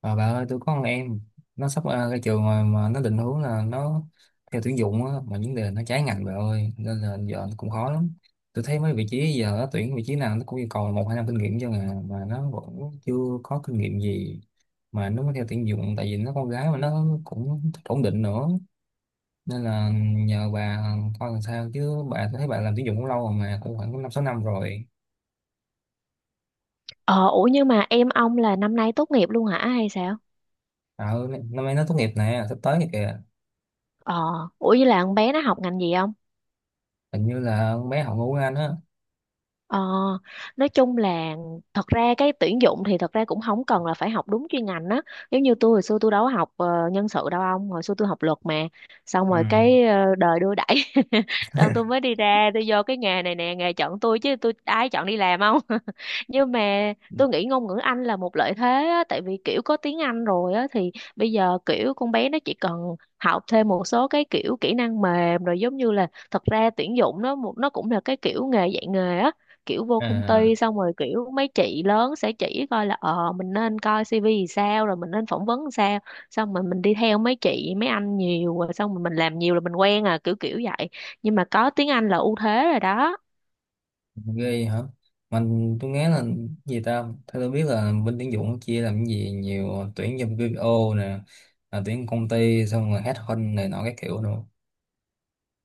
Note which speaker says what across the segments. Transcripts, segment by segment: Speaker 1: Ờ, bà ơi, tôi có con em nó sắp ra trường rồi mà nó định hướng là nó theo tuyển dụng á, mà vấn đề nó trái ngành bà ơi, nên là giờ nó cũng khó lắm. Tôi thấy mấy vị trí giờ nó tuyển vị trí nào nó cũng yêu cầu 1 2 năm kinh nghiệm cho à mà nó vẫn chưa có kinh nghiệm gì mà nó mới theo tuyển dụng, tại vì nó con gái mà nó cũng thích ổn định nữa, nên là nhờ bà coi làm sao chứ bà. Tôi thấy bà làm tuyển dụng cũng lâu rồi mà, cũng khoảng 5 6 năm rồi.
Speaker 2: Ờ, ủa nhưng mà em ông là năm nay tốt nghiệp luôn hả hay sao?
Speaker 1: Năm nay nó tốt nghiệp nè, sắp tới này kìa.
Speaker 2: Ờ, ủa như là con bé nó học ngành gì không?
Speaker 1: Hình như là con bé học ngôn ngữ Anh á.
Speaker 2: Ờ, nói chung là thật ra cái tuyển dụng thì thật ra cũng không cần là phải học đúng chuyên ngành á, giống như tôi hồi xưa tôi đâu có học nhân sự đâu ông, hồi xưa tôi học luật mà. Xong
Speaker 1: Ừ.
Speaker 2: rồi cái đời đưa đẩy xong tôi mới đi ra tôi vô cái nghề này nè, nghề chọn tôi chứ tôi ai chọn đi làm không. Nhưng mà tôi nghĩ ngôn ngữ Anh là một lợi thế á, tại vì kiểu có tiếng Anh rồi á thì bây giờ kiểu con bé nó chỉ cần học thêm một số cái kiểu kỹ năng mềm rồi, giống như là thật ra tuyển dụng nó cũng là cái kiểu nghề dạy nghề á. Kiểu vô công
Speaker 1: À.
Speaker 2: ty xong rồi kiểu mấy chị lớn sẽ chỉ coi là mình nên coi CV thì sao rồi mình nên phỏng vấn sao, xong rồi mình đi theo mấy chị mấy anh nhiều rồi xong rồi mình làm nhiều là mình quen à, kiểu kiểu vậy. Nhưng mà có tiếng Anh là ưu thế rồi đó.
Speaker 1: Ghê hả? Mình tôi nghe là gì ta, theo tôi biết là bên tuyển dụng chia làm cái gì nhiều, tuyển trong BPO nè, tuyển công ty, xong rồi headhunt này nọ các kiểu nữa.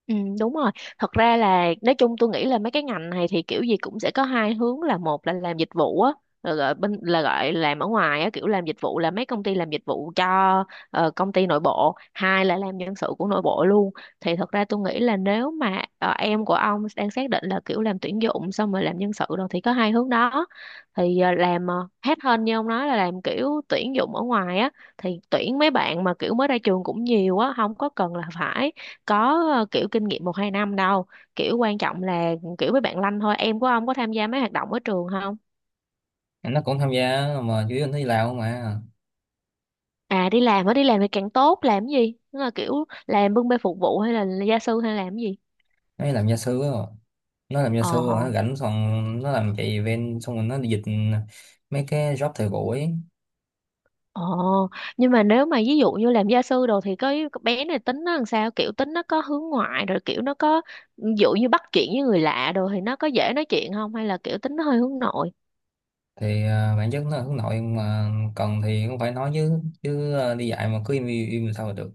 Speaker 2: Ừ, đúng rồi. Thật ra là nói chung tôi nghĩ là mấy cái ngành này thì kiểu gì cũng sẽ có hai hướng, là một là làm dịch vụ á, là gọi bên là gọi làm ở ngoài á, kiểu làm dịch vụ là mấy công ty làm dịch vụ cho công ty nội bộ. Hai là làm nhân sự của nội bộ luôn. Thì thật ra tôi nghĩ là nếu mà em của ông đang xác định là kiểu làm tuyển dụng xong rồi làm nhân sự rồi thì có hai hướng đó. Thì làm headhunt như ông nói là làm kiểu tuyển dụng ở ngoài á, thì tuyển mấy bạn mà kiểu mới ra trường cũng nhiều á, không có cần là phải có kiểu kinh nghiệm một hai năm đâu. Kiểu quan trọng là kiểu với bạn Lanh thôi, em của ông có tham gia mấy hoạt động ở trường không?
Speaker 1: Em nó cũng tham gia mà, chứ nó đi làm mà.
Speaker 2: À đi làm á, đi làm thì càng tốt, làm cái gì, tức là kiểu làm bưng bê phục vụ hay là gia sư hay làm cái gì?
Speaker 1: Nó đi làm gia sư á. Nó làm gia
Speaker 2: Ờ.
Speaker 1: sư rồi nó rảnh, xong nó làm chạy event xong rồi nó đi dịch mấy cái job thời buổi ấy.
Speaker 2: Ờ. Nhưng mà nếu mà ví dụ như làm gia sư đồ thì cái bé này tính nó làm sao, kiểu tính nó có hướng ngoại rồi kiểu nó có ví dụ như bắt chuyện với người lạ đồ thì nó có dễ nói chuyện không, hay là kiểu tính nó hơi hướng nội?
Speaker 1: Thì bản chất nó là hướng nội mà, cần thì cũng phải nói chứ chứ đi dạy mà cứ im im, im sao mà được.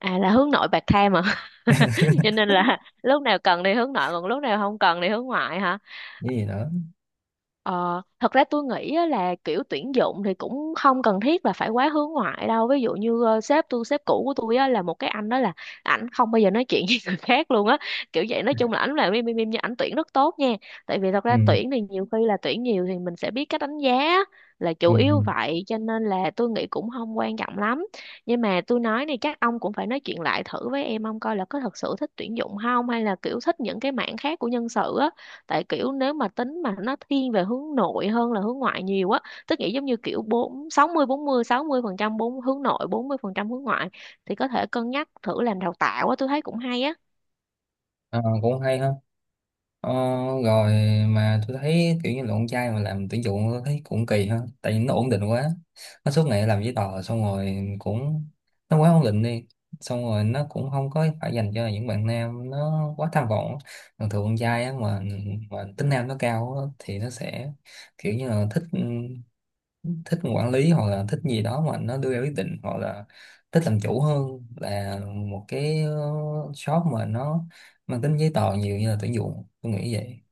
Speaker 2: À là hướng nội bạc tham à. Cho nên là lúc nào cần đi hướng nội còn lúc nào không cần đi hướng ngoại hả?
Speaker 1: Cái gì nữa?
Speaker 2: Ờ, Thật ra tôi nghĩ á là kiểu tuyển dụng thì cũng không cần thiết là phải quá hướng ngoại đâu. Ví dụ như sếp tôi, sếp cũ của tôi á, là một cái anh đó là ảnh không bao giờ nói chuyện với người khác luôn á. Kiểu vậy, nói chung là ảnh làm im im im nhưng ảnh tuyển rất tốt nha. Tại vì thật ra
Speaker 1: ừ
Speaker 2: tuyển thì nhiều khi là tuyển nhiều thì mình sẽ biết cách đánh giá là
Speaker 1: ừ
Speaker 2: chủ
Speaker 1: ừ.
Speaker 2: yếu vậy, cho nên là tôi nghĩ cũng không quan trọng lắm. Nhưng mà tôi nói này chắc ông cũng phải nói chuyện lại thử với em ông coi là có thật sự thích tuyển dụng không, hay là kiểu thích những cái mảng khác của nhân sự á. Tại kiểu nếu mà tính mà nó thiên về hướng nội hơn là hướng ngoại nhiều á, tức nghĩa giống như kiểu bốn sáu mươi bốn mươi sáu mươi phần trăm, bốn hướng nội bốn mươi phần trăm hướng ngoại, thì có thể cân nhắc thử làm đào tạo á, tôi thấy cũng hay á.
Speaker 1: À, cũng hay ha. Ờ, Rồi. Mà tôi thấy kiểu như là con trai mà làm tuyển dụng tôi thấy cũng kỳ ha, tại vì nó ổn định quá, nó suốt ngày làm giấy tờ xong rồi cũng, nó quá ổn định đi. Xong rồi nó cũng không có phải dành cho những bạn nam nó quá tham vọng. Thường thường con trai á, mà tính nam nó cao á, thì nó sẽ kiểu như là thích, thích quản lý hoặc là thích gì đó mà nó đưa ra quyết định hoặc là thích làm chủ hơn là một cái shop mà nó mang tính giấy tờ nhiều như là tuyển dụng, tôi nghĩ vậy.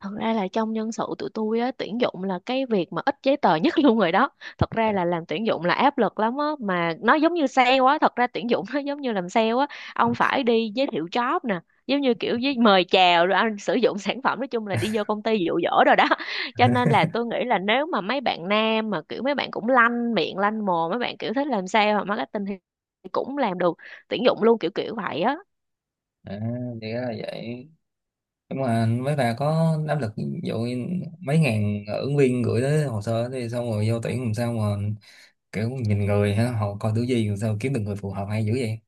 Speaker 2: Thật ra là trong nhân sự tụi tôi á, tuyển dụng là cái việc mà ít giấy tờ nhất luôn rồi đó. Thật ra
Speaker 1: Dạ.
Speaker 2: là làm tuyển dụng là áp lực lắm á, mà nó giống như sale á, thật ra tuyển dụng nó giống như làm sale á. Ông phải đi giới thiệu job nè, giống như kiểu với mời chào rồi anh sử dụng sản phẩm, nói chung là đi vô công ty dụ dỗ rồi đó. Cho nên là tôi nghĩ là nếu mà mấy bạn nam mà kiểu mấy bạn cũng lanh miệng lanh mồm, mấy bạn kiểu thích làm sale hoặc marketing thì cũng làm được tuyển dụng luôn, kiểu kiểu vậy á.
Speaker 1: À, thì ra là vậy. Nhưng mà mấy bà có áp lực ví dụ như mấy ngàn ứng viên gửi tới hồ sơ thì xong rồi vô tuyển làm sao mà, kiểu nhìn người ha, họ coi thứ gì làm sao kiếm được người phù hợp hay dữ vậy.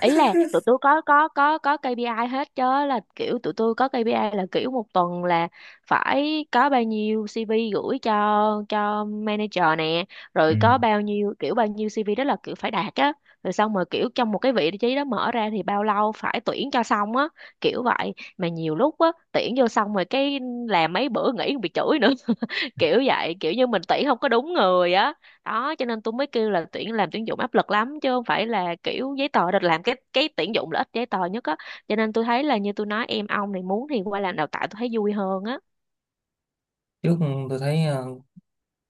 Speaker 2: Ý là tụi tôi có KPI hết chứ, là kiểu tụi tôi có KPI là kiểu một tuần là phải có bao nhiêu CV gửi cho manager nè,
Speaker 1: Ừ.
Speaker 2: rồi có bao nhiêu kiểu bao nhiêu CV đó là kiểu phải đạt á, rồi xong rồi kiểu trong một cái vị trí đó mở ra thì bao lâu phải tuyển cho xong á, kiểu vậy. Mà nhiều lúc á tuyển vô xong rồi cái làm mấy bữa nghỉ còn bị chửi nữa, kiểu vậy, kiểu như mình tuyển không có đúng người á. Đó cho nên tôi mới kêu là tuyển làm tuyển dụng áp lực lắm chứ không phải là kiểu giấy tờ, được làm cái tuyển dụng là ít giấy tờ nhất á. Cho nên tôi thấy là như tôi nói, em ông này muốn thì qua làm đào tạo tôi thấy vui hơn á.
Speaker 1: Trước tôi thấy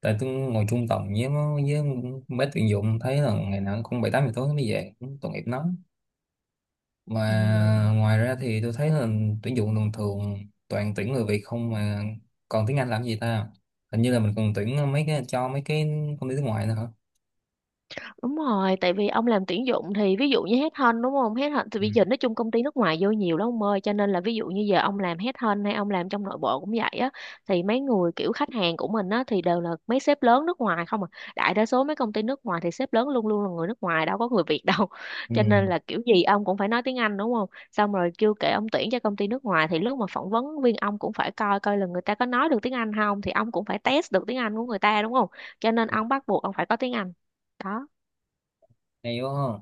Speaker 1: tại tôi ngồi chung tổng với nó- với mấy tuyển dụng thấy là ngày nào cũng 7 8 giờ tối nó mới về, cũng tội nghiệp nó.
Speaker 2: Ừ.
Speaker 1: Mà ngoài ra thì tôi thấy là tuyển dụng thường thường toàn tuyển người Việt không mà, còn tiếng Anh làm gì ta? Hình như là mình còn tuyển mấy cái cho mấy cái công ty nước ngoài nữa hả?
Speaker 2: Đúng rồi, tại vì ông làm tuyển dụng thì ví dụ như headhunt đúng không? Headhunt thì
Speaker 1: Ừ.
Speaker 2: bây giờ nói chung công ty nước ngoài vô nhiều lắm ông ơi, cho nên là ví dụ như giờ ông làm headhunt hay ông làm trong nội bộ cũng vậy á, thì mấy người kiểu khách hàng của mình á thì đều là mấy sếp lớn nước ngoài không à. Đại đa số mấy công ty nước ngoài thì sếp lớn luôn luôn là người nước ngoài, đâu có người Việt đâu.
Speaker 1: Ừ.
Speaker 2: Cho nên là kiểu gì ông cũng phải nói tiếng Anh đúng không? Xong rồi chưa kể ông tuyển cho công ty nước ngoài thì lúc mà phỏng vấn viên ông cũng phải coi coi là người ta có nói được tiếng Anh không, thì ông cũng phải test được tiếng Anh của người ta đúng không? Cho nên ông bắt buộc ông phải có tiếng Anh. Đó.
Speaker 1: Hay quá ha.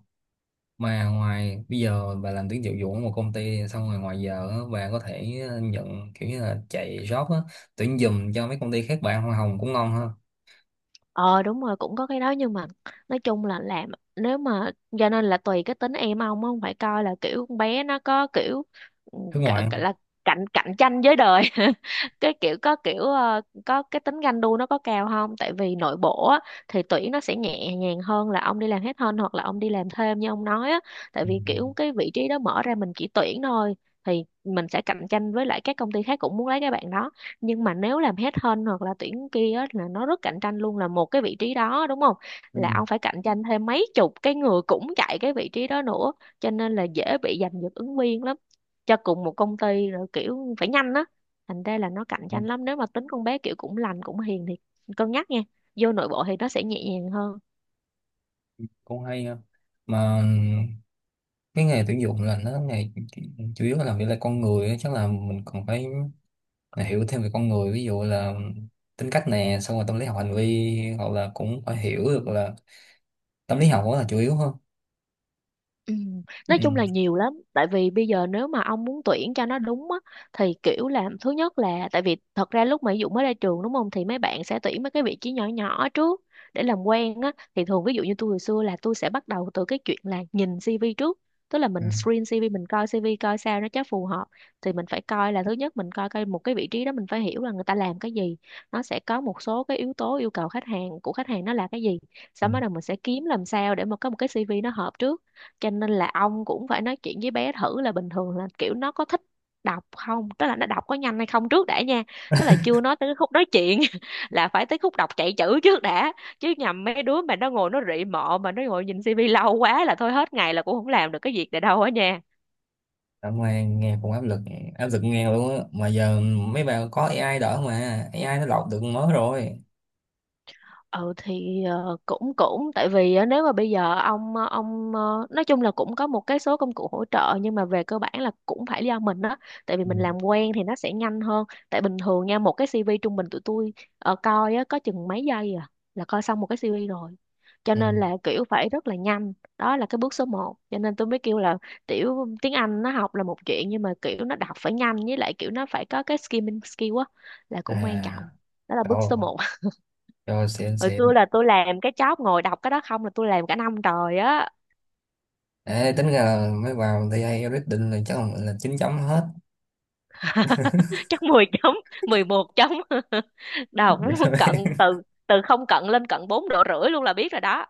Speaker 1: Mà ngoài, bây giờ bà làm tuyển dụng vụ ở một công ty xong rồi ngoài giờ á, bà có thể nhận kiểu như là chạy job á, tuyển giùm cho mấy công ty khác, bạn hoa hồng cũng ngon ha.
Speaker 2: Ờ đúng rồi, cũng có cái đó nhưng mà nói chung là làm, nếu mà, cho nên là tùy cái tính em ông á, không phải coi là kiểu con bé nó có kiểu, ừ,
Speaker 1: Nước
Speaker 2: cả-
Speaker 1: ngoài.
Speaker 2: cả là cạnh cạnh tranh với đời cái kiểu có kiểu có cái tính ganh đua nó có cao không, tại vì nội bộ á, thì tuyển nó sẽ nhẹ nhàng hơn là ông đi làm hết hơn hoặc là ông đi làm thêm như ông nói á. Tại
Speaker 1: Ừ.
Speaker 2: vì kiểu cái vị trí đó mở ra mình chỉ tuyển thôi thì mình sẽ cạnh tranh với lại các công ty khác cũng muốn lấy cái bạn đó, nhưng mà nếu làm headhunt hoặc là tuyển kia á, là nó rất cạnh tranh luôn, là một cái vị trí đó đúng không,
Speaker 1: Ừ.
Speaker 2: là ông phải cạnh tranh thêm mấy chục cái người cũng chạy cái vị trí đó nữa, cho nên là dễ bị giành giật ứng viên lắm cho cùng một công ty, rồi kiểu phải nhanh á. Thành ra là nó cạnh
Speaker 1: Ừ.
Speaker 2: tranh lắm, nếu mà tính con bé kiểu cũng lành cũng hiền thì cân nhắc nha, vô nội bộ thì nó sẽ nhẹ nhàng hơn.
Speaker 1: Cũng hay ha. Mà cái nghề tuyển dụng là nó nghề chủ yếu là làm việc là con người á, chắc là mình còn phải hiểu thêm về con người, ví dụ là tính cách nè, xong rồi tâm lý học hành vi, hoặc là cũng phải hiểu được là tâm lý học, đó là chủ yếu hơn.
Speaker 2: Ừ. Nói chung là
Speaker 1: Ừ.
Speaker 2: nhiều lắm tại vì bây giờ nếu mà ông muốn tuyển cho nó đúng á thì kiểu là thứ nhất là tại vì thật ra lúc mà ví dụ mới ra trường đúng không thì mấy bạn sẽ tuyển mấy cái vị trí nhỏ nhỏ trước để làm quen á thì thường ví dụ như tôi hồi xưa là tôi sẽ bắt đầu từ cái chuyện là nhìn CV trước, tức là
Speaker 1: Ừ.
Speaker 2: mình screen CV, mình coi CV coi sao nó chắc phù hợp. Thì mình phải coi là thứ nhất mình coi coi một cái vị trí đó mình phải hiểu là người ta làm cái gì, nó sẽ có một số cái yếu tố yêu cầu khách hàng của khách hàng nó là cái gì,
Speaker 1: Ừ.
Speaker 2: sau đó đầu mình sẽ kiếm làm sao để mà có một cái CV nó hợp trước. Cho nên là ông cũng phải nói chuyện với bé thử là bình thường là kiểu nó có thích đọc không, tức là nó đọc có nhanh hay không trước đã nha. Tức là chưa nói tới cái khúc nói chuyện là phải tới khúc đọc chạy chữ trước đã, chứ nhầm mấy đứa mà nó ngồi nó rị mọ mà nó ngồi nhìn tivi lâu quá là thôi hết ngày là cũng không làm được cái việc này đâu á nha.
Speaker 1: Cảm ơn, nghe cũng áp lực, áp lực nghe luôn á. Mà giờ mấy bạn có AI đỡ mà, AI nó lọc được mới rồi.
Speaker 2: Ừ thì cũng cũng tại vì á, nếu mà bây giờ ông ông nói chung là cũng có một cái số công cụ hỗ trợ nhưng mà về cơ bản là cũng phải do mình đó. Tại vì
Speaker 1: Ừ.
Speaker 2: mình làm quen thì nó sẽ nhanh hơn. Tại bình thường nha một cái CV trung bình tụi tôi coi á có chừng mấy giây à là coi xong một cái CV rồi, cho
Speaker 1: Ừ.
Speaker 2: nên là kiểu phải rất là nhanh. Đó là cái bước số một, cho nên tôi mới kêu là tiểu tiếng Anh nó học là một chuyện nhưng mà kiểu nó đọc phải nhanh, với lại kiểu nó phải có cái skimming skill á, là
Speaker 1: À,
Speaker 2: cũng quan trọng. Đó là bước số
Speaker 1: rồi.
Speaker 2: một.
Speaker 1: Rồi, xịn
Speaker 2: Hồi
Speaker 1: xịn.
Speaker 2: xưa là tôi làm cái job ngồi đọc cái đó không là tôi làm cả năm trời á.
Speaker 1: Ê, tính ra là mấy vào thì AI quyết là chắc là 9 chấm hết.
Speaker 2: Chắc 10 chấm, 11 chấm. Đọc cận từ từ không cận lên cận bốn độ rưỡi luôn là biết rồi đó.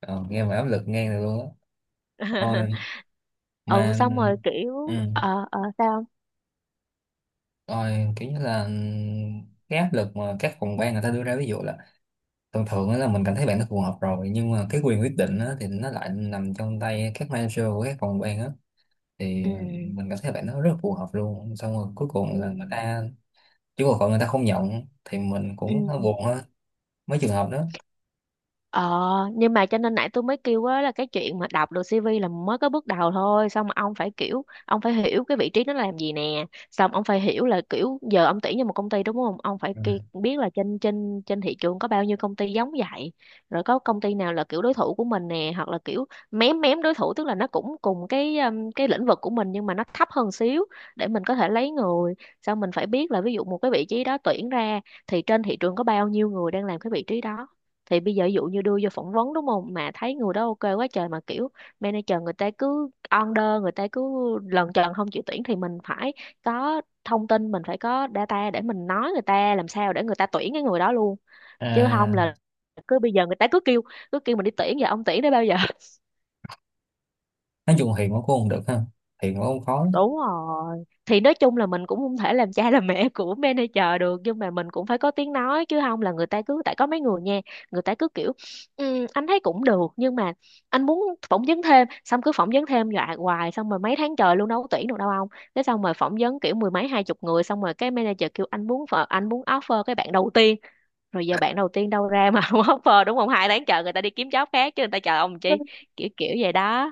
Speaker 1: Ờ, nghe mà áp lực ngang được luôn á. Ôi,
Speaker 2: Ừ
Speaker 1: mà
Speaker 2: xong rồi
Speaker 1: ừ.
Speaker 2: kiểu sao.
Speaker 1: Ôi, kiểu như là cái áp lực mà các phòng ban người ta đưa ra, ví dụ là thường thường á là mình cảm thấy bạn nó phù hợp rồi nhưng mà cái quyền quyết định
Speaker 2: Không.
Speaker 1: á, thì nó lại nằm trong tay các manager của các phòng ban á. Thì
Speaker 2: Ừ ừ
Speaker 1: mình cảm thấy bạn nó rất phù hợp luôn, xong rồi cuối
Speaker 2: ừ
Speaker 1: cùng là người ta, chứ còn người ta không nhận thì mình
Speaker 2: ừ.
Speaker 1: cũng hơi buồn ha, mấy trường hợp đó.
Speaker 2: Ờ, nhưng mà cho nên nãy tôi mới kêu á là cái chuyện mà đọc được CV là mới có bước đầu thôi, xong mà ông phải kiểu ông phải hiểu cái vị trí nó làm gì nè, xong ông phải hiểu là kiểu giờ ông tuyển cho một công ty đúng không? Ông phải
Speaker 1: Ừ.
Speaker 2: biết là trên trên trên thị trường có bao nhiêu công ty giống vậy, rồi có công ty nào là kiểu đối thủ của mình nè, hoặc là kiểu mém mém đối thủ, tức là nó cũng cùng cái lĩnh vực của mình nhưng mà nó thấp hơn xíu để mình có thể lấy người. Xong mình phải biết là ví dụ một cái vị trí đó tuyển ra thì trên thị trường có bao nhiêu người đang làm cái vị trí đó, thì bây giờ ví dụ như đưa vô phỏng vấn đúng không mà thấy người đó ok quá trời mà kiểu manager người ta cứ under người ta cứ lần trần không chịu tuyển thì mình phải có thông tin, mình phải có data để mình nói người ta làm sao để người ta tuyển cái người đó luôn. Chứ không
Speaker 1: À,
Speaker 2: là cứ bây giờ người ta cứ kêu mình đi tuyển và ông tuyển đến bao giờ.
Speaker 1: nói chung hiền quá cũng không được ha, hiền quá cũng khó.
Speaker 2: Đúng rồi. Thì nói chung là mình cũng không thể làm cha làm mẹ của manager được nhưng mà mình cũng phải có tiếng nói, chứ không là người ta cứ tại có mấy người nha, người ta cứ kiểu "Ừ, anh thấy cũng được nhưng mà anh muốn phỏng vấn thêm", xong cứ phỏng vấn thêm dọa hoài xong rồi mấy tháng trời luôn đâu có tuyển được đâu ông. Thế xong rồi phỏng vấn kiểu mười mấy hai chục người xong rồi cái manager kêu anh muốn anh muốn offer cái bạn đầu tiên, rồi giờ bạn đầu tiên đâu ra mà không offer đúng không? Hai tháng chờ người ta đi kiếm job khác chứ người ta chờ ông chi. Kiểu kiểu vậy đó.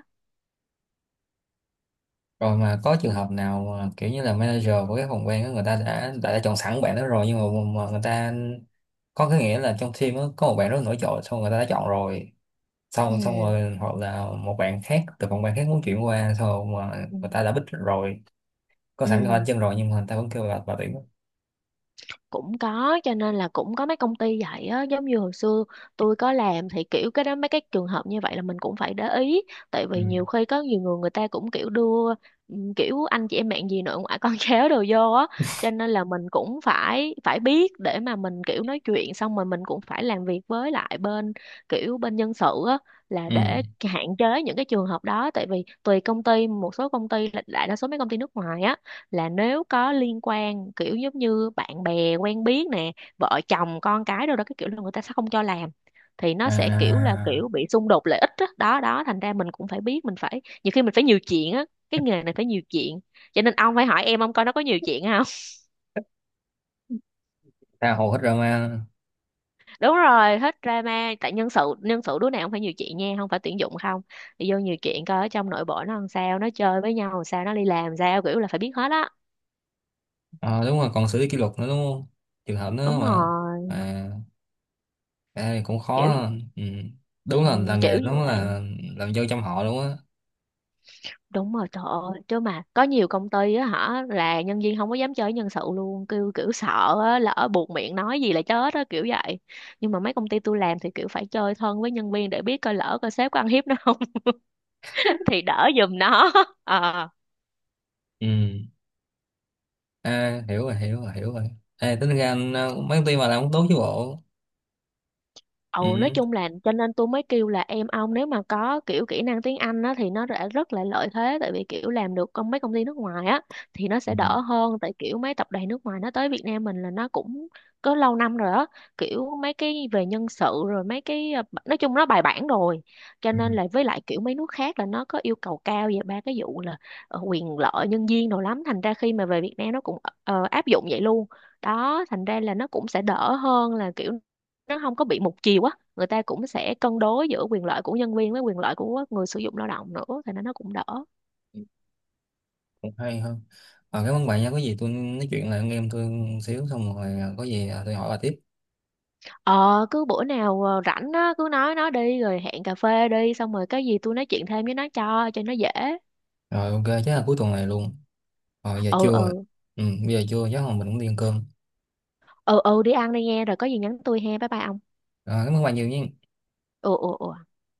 Speaker 1: Rồi mà có trường hợp nào mà kiểu như là manager của cái phòng ban đó người ta đã chọn sẵn bạn đó rồi nhưng mà người ta có cái nghĩa là trong team đó, có một bạn rất nổi trội xong người ta đã chọn rồi,
Speaker 2: Ừ.
Speaker 1: xong xong rồi hoặc là một bạn khác từ phòng ban khác muốn chuyển qua xong rồi mà
Speaker 2: Ừ.
Speaker 1: người ta đã bích rồi, có sẵn cái bàn
Speaker 2: Ừ.
Speaker 1: chân rồi nhưng mà người ta vẫn kêu là bà tuyển á.
Speaker 2: Cũng có, cho nên là cũng có mấy công ty vậy á. Giống như hồi xưa tôi có làm thì kiểu cái đó mấy cái trường hợp như vậy là mình cũng phải để ý, tại
Speaker 1: Ừ.
Speaker 2: vì nhiều khi có nhiều người người ta cũng kiểu đưa kiểu anh chị em bạn gì nội ngoại con cháu đồ vô á. Cho nên là mình cũng phải phải biết để mà mình kiểu nói chuyện, xong rồi mình cũng phải làm việc với lại bên kiểu bên nhân sự á là
Speaker 1: Ừ.
Speaker 2: để hạn chế những cái trường hợp đó. Tại vì tùy công ty, một số công ty là đại đa số mấy công ty nước ngoài á, là nếu có liên quan kiểu giống như bạn bè quen biết nè, vợ chồng con cái đâu đó, cái kiểu là người ta sẽ không cho làm. Thì nó sẽ kiểu là
Speaker 1: À,
Speaker 2: kiểu bị xung đột lợi ích đó đó, đó. Thành ra mình cũng phải biết, mình phải nhiều khi mình phải nhiều chuyện á. Cái nghề này phải nhiều chuyện, cho nên ông phải hỏi em ông coi nó có nhiều chuyện không.
Speaker 1: tha hồ hết drama.
Speaker 2: Đúng rồi, hết drama. Tại nhân sự, đứa nào cũng phải nhiều chuyện nha, không phải tuyển dụng không. Đi vô nhiều chuyện coi ở trong nội bộ nó làm sao, nó chơi với nhau làm sao, nó đi làm sao, kiểu là phải biết hết á.
Speaker 1: Ờ, đúng rồi, còn xử lý kỷ luật nữa đúng không, trường hợp nữa
Speaker 2: Đúng
Speaker 1: mà.
Speaker 2: rồi.
Speaker 1: À. Ê, cũng khó
Speaker 2: Kiểu
Speaker 1: ha. Ừ. Đúng
Speaker 2: ừ,
Speaker 1: là
Speaker 2: kiểu
Speaker 1: nghề
Speaker 2: gì
Speaker 1: nó
Speaker 2: vậy?
Speaker 1: là làm dâu trong họ đúng á.
Speaker 2: Đúng rồi, trời ơi. Chứ mà có nhiều công ty á hả là nhân viên không có dám chơi với nhân sự luôn, kêu kiểu sợ á, lỡ buột miệng nói gì là chết á, kiểu vậy. Nhưng mà mấy công ty tôi làm thì kiểu phải chơi thân với nhân viên để biết coi lỡ coi sếp có ăn hiếp nó không, thì đỡ giùm nó. Ờ.
Speaker 1: Ừ. À, hiểu rồi, hiểu rồi, hiểu rồi. Ê, tính ra anh mấy công ty mà làm cũng tốt chứ bộ.
Speaker 2: Ừ,
Speaker 1: Ừ.
Speaker 2: nói chung là cho nên tôi mới kêu là em ông nếu mà có kiểu kỹ năng tiếng Anh á, thì nó đã rất là lợi thế, tại vì kiểu làm được công mấy công ty nước ngoài á thì nó
Speaker 1: Ừ.
Speaker 2: sẽ đỡ hơn. Tại kiểu mấy tập đoàn nước ngoài nó tới Việt Nam mình là nó cũng có lâu năm rồi á, kiểu mấy cái về nhân sự rồi mấy cái nói chung nó bài bản rồi. Cho
Speaker 1: Ừ.
Speaker 2: nên là với lại kiểu mấy nước khác là nó có yêu cầu cao về ba cái vụ là quyền lợi nhân viên đồ lắm, thành ra khi mà về Việt Nam nó cũng áp dụng vậy luôn đó. Thành ra là nó cũng sẽ đỡ hơn, là kiểu nó không có bị một chiều á, người ta cũng sẽ cân đối giữa quyền lợi của nhân viên với quyền lợi của người sử dụng lao động nữa thì nó cũng đỡ.
Speaker 1: Cũng hay hơn. À, cảm ơn bạn nha, có gì tôi nói chuyện lại anh em tôi một xíu xong rồi có gì tôi hỏi bà tiếp.
Speaker 2: Ờ cứ bữa nào rảnh á cứ nói nó đi rồi hẹn cà phê đi xong rồi cái gì tôi nói chuyện thêm với nó cho nó dễ.
Speaker 1: Rồi ok, chắc là cuối tuần này luôn. Rồi giờ
Speaker 2: Ừ
Speaker 1: trưa rồi.
Speaker 2: ừ
Speaker 1: Ừ, bây giờ trưa chắc là mình cũng đi ăn cơm.
Speaker 2: ừ ừ. Đi ăn đi nghe, rồi có gì nhắn tôi he. Bye bye ông.
Speaker 1: Rồi, cảm ơn bạn nhiều nha.
Speaker 2: Ừ ừ ừ.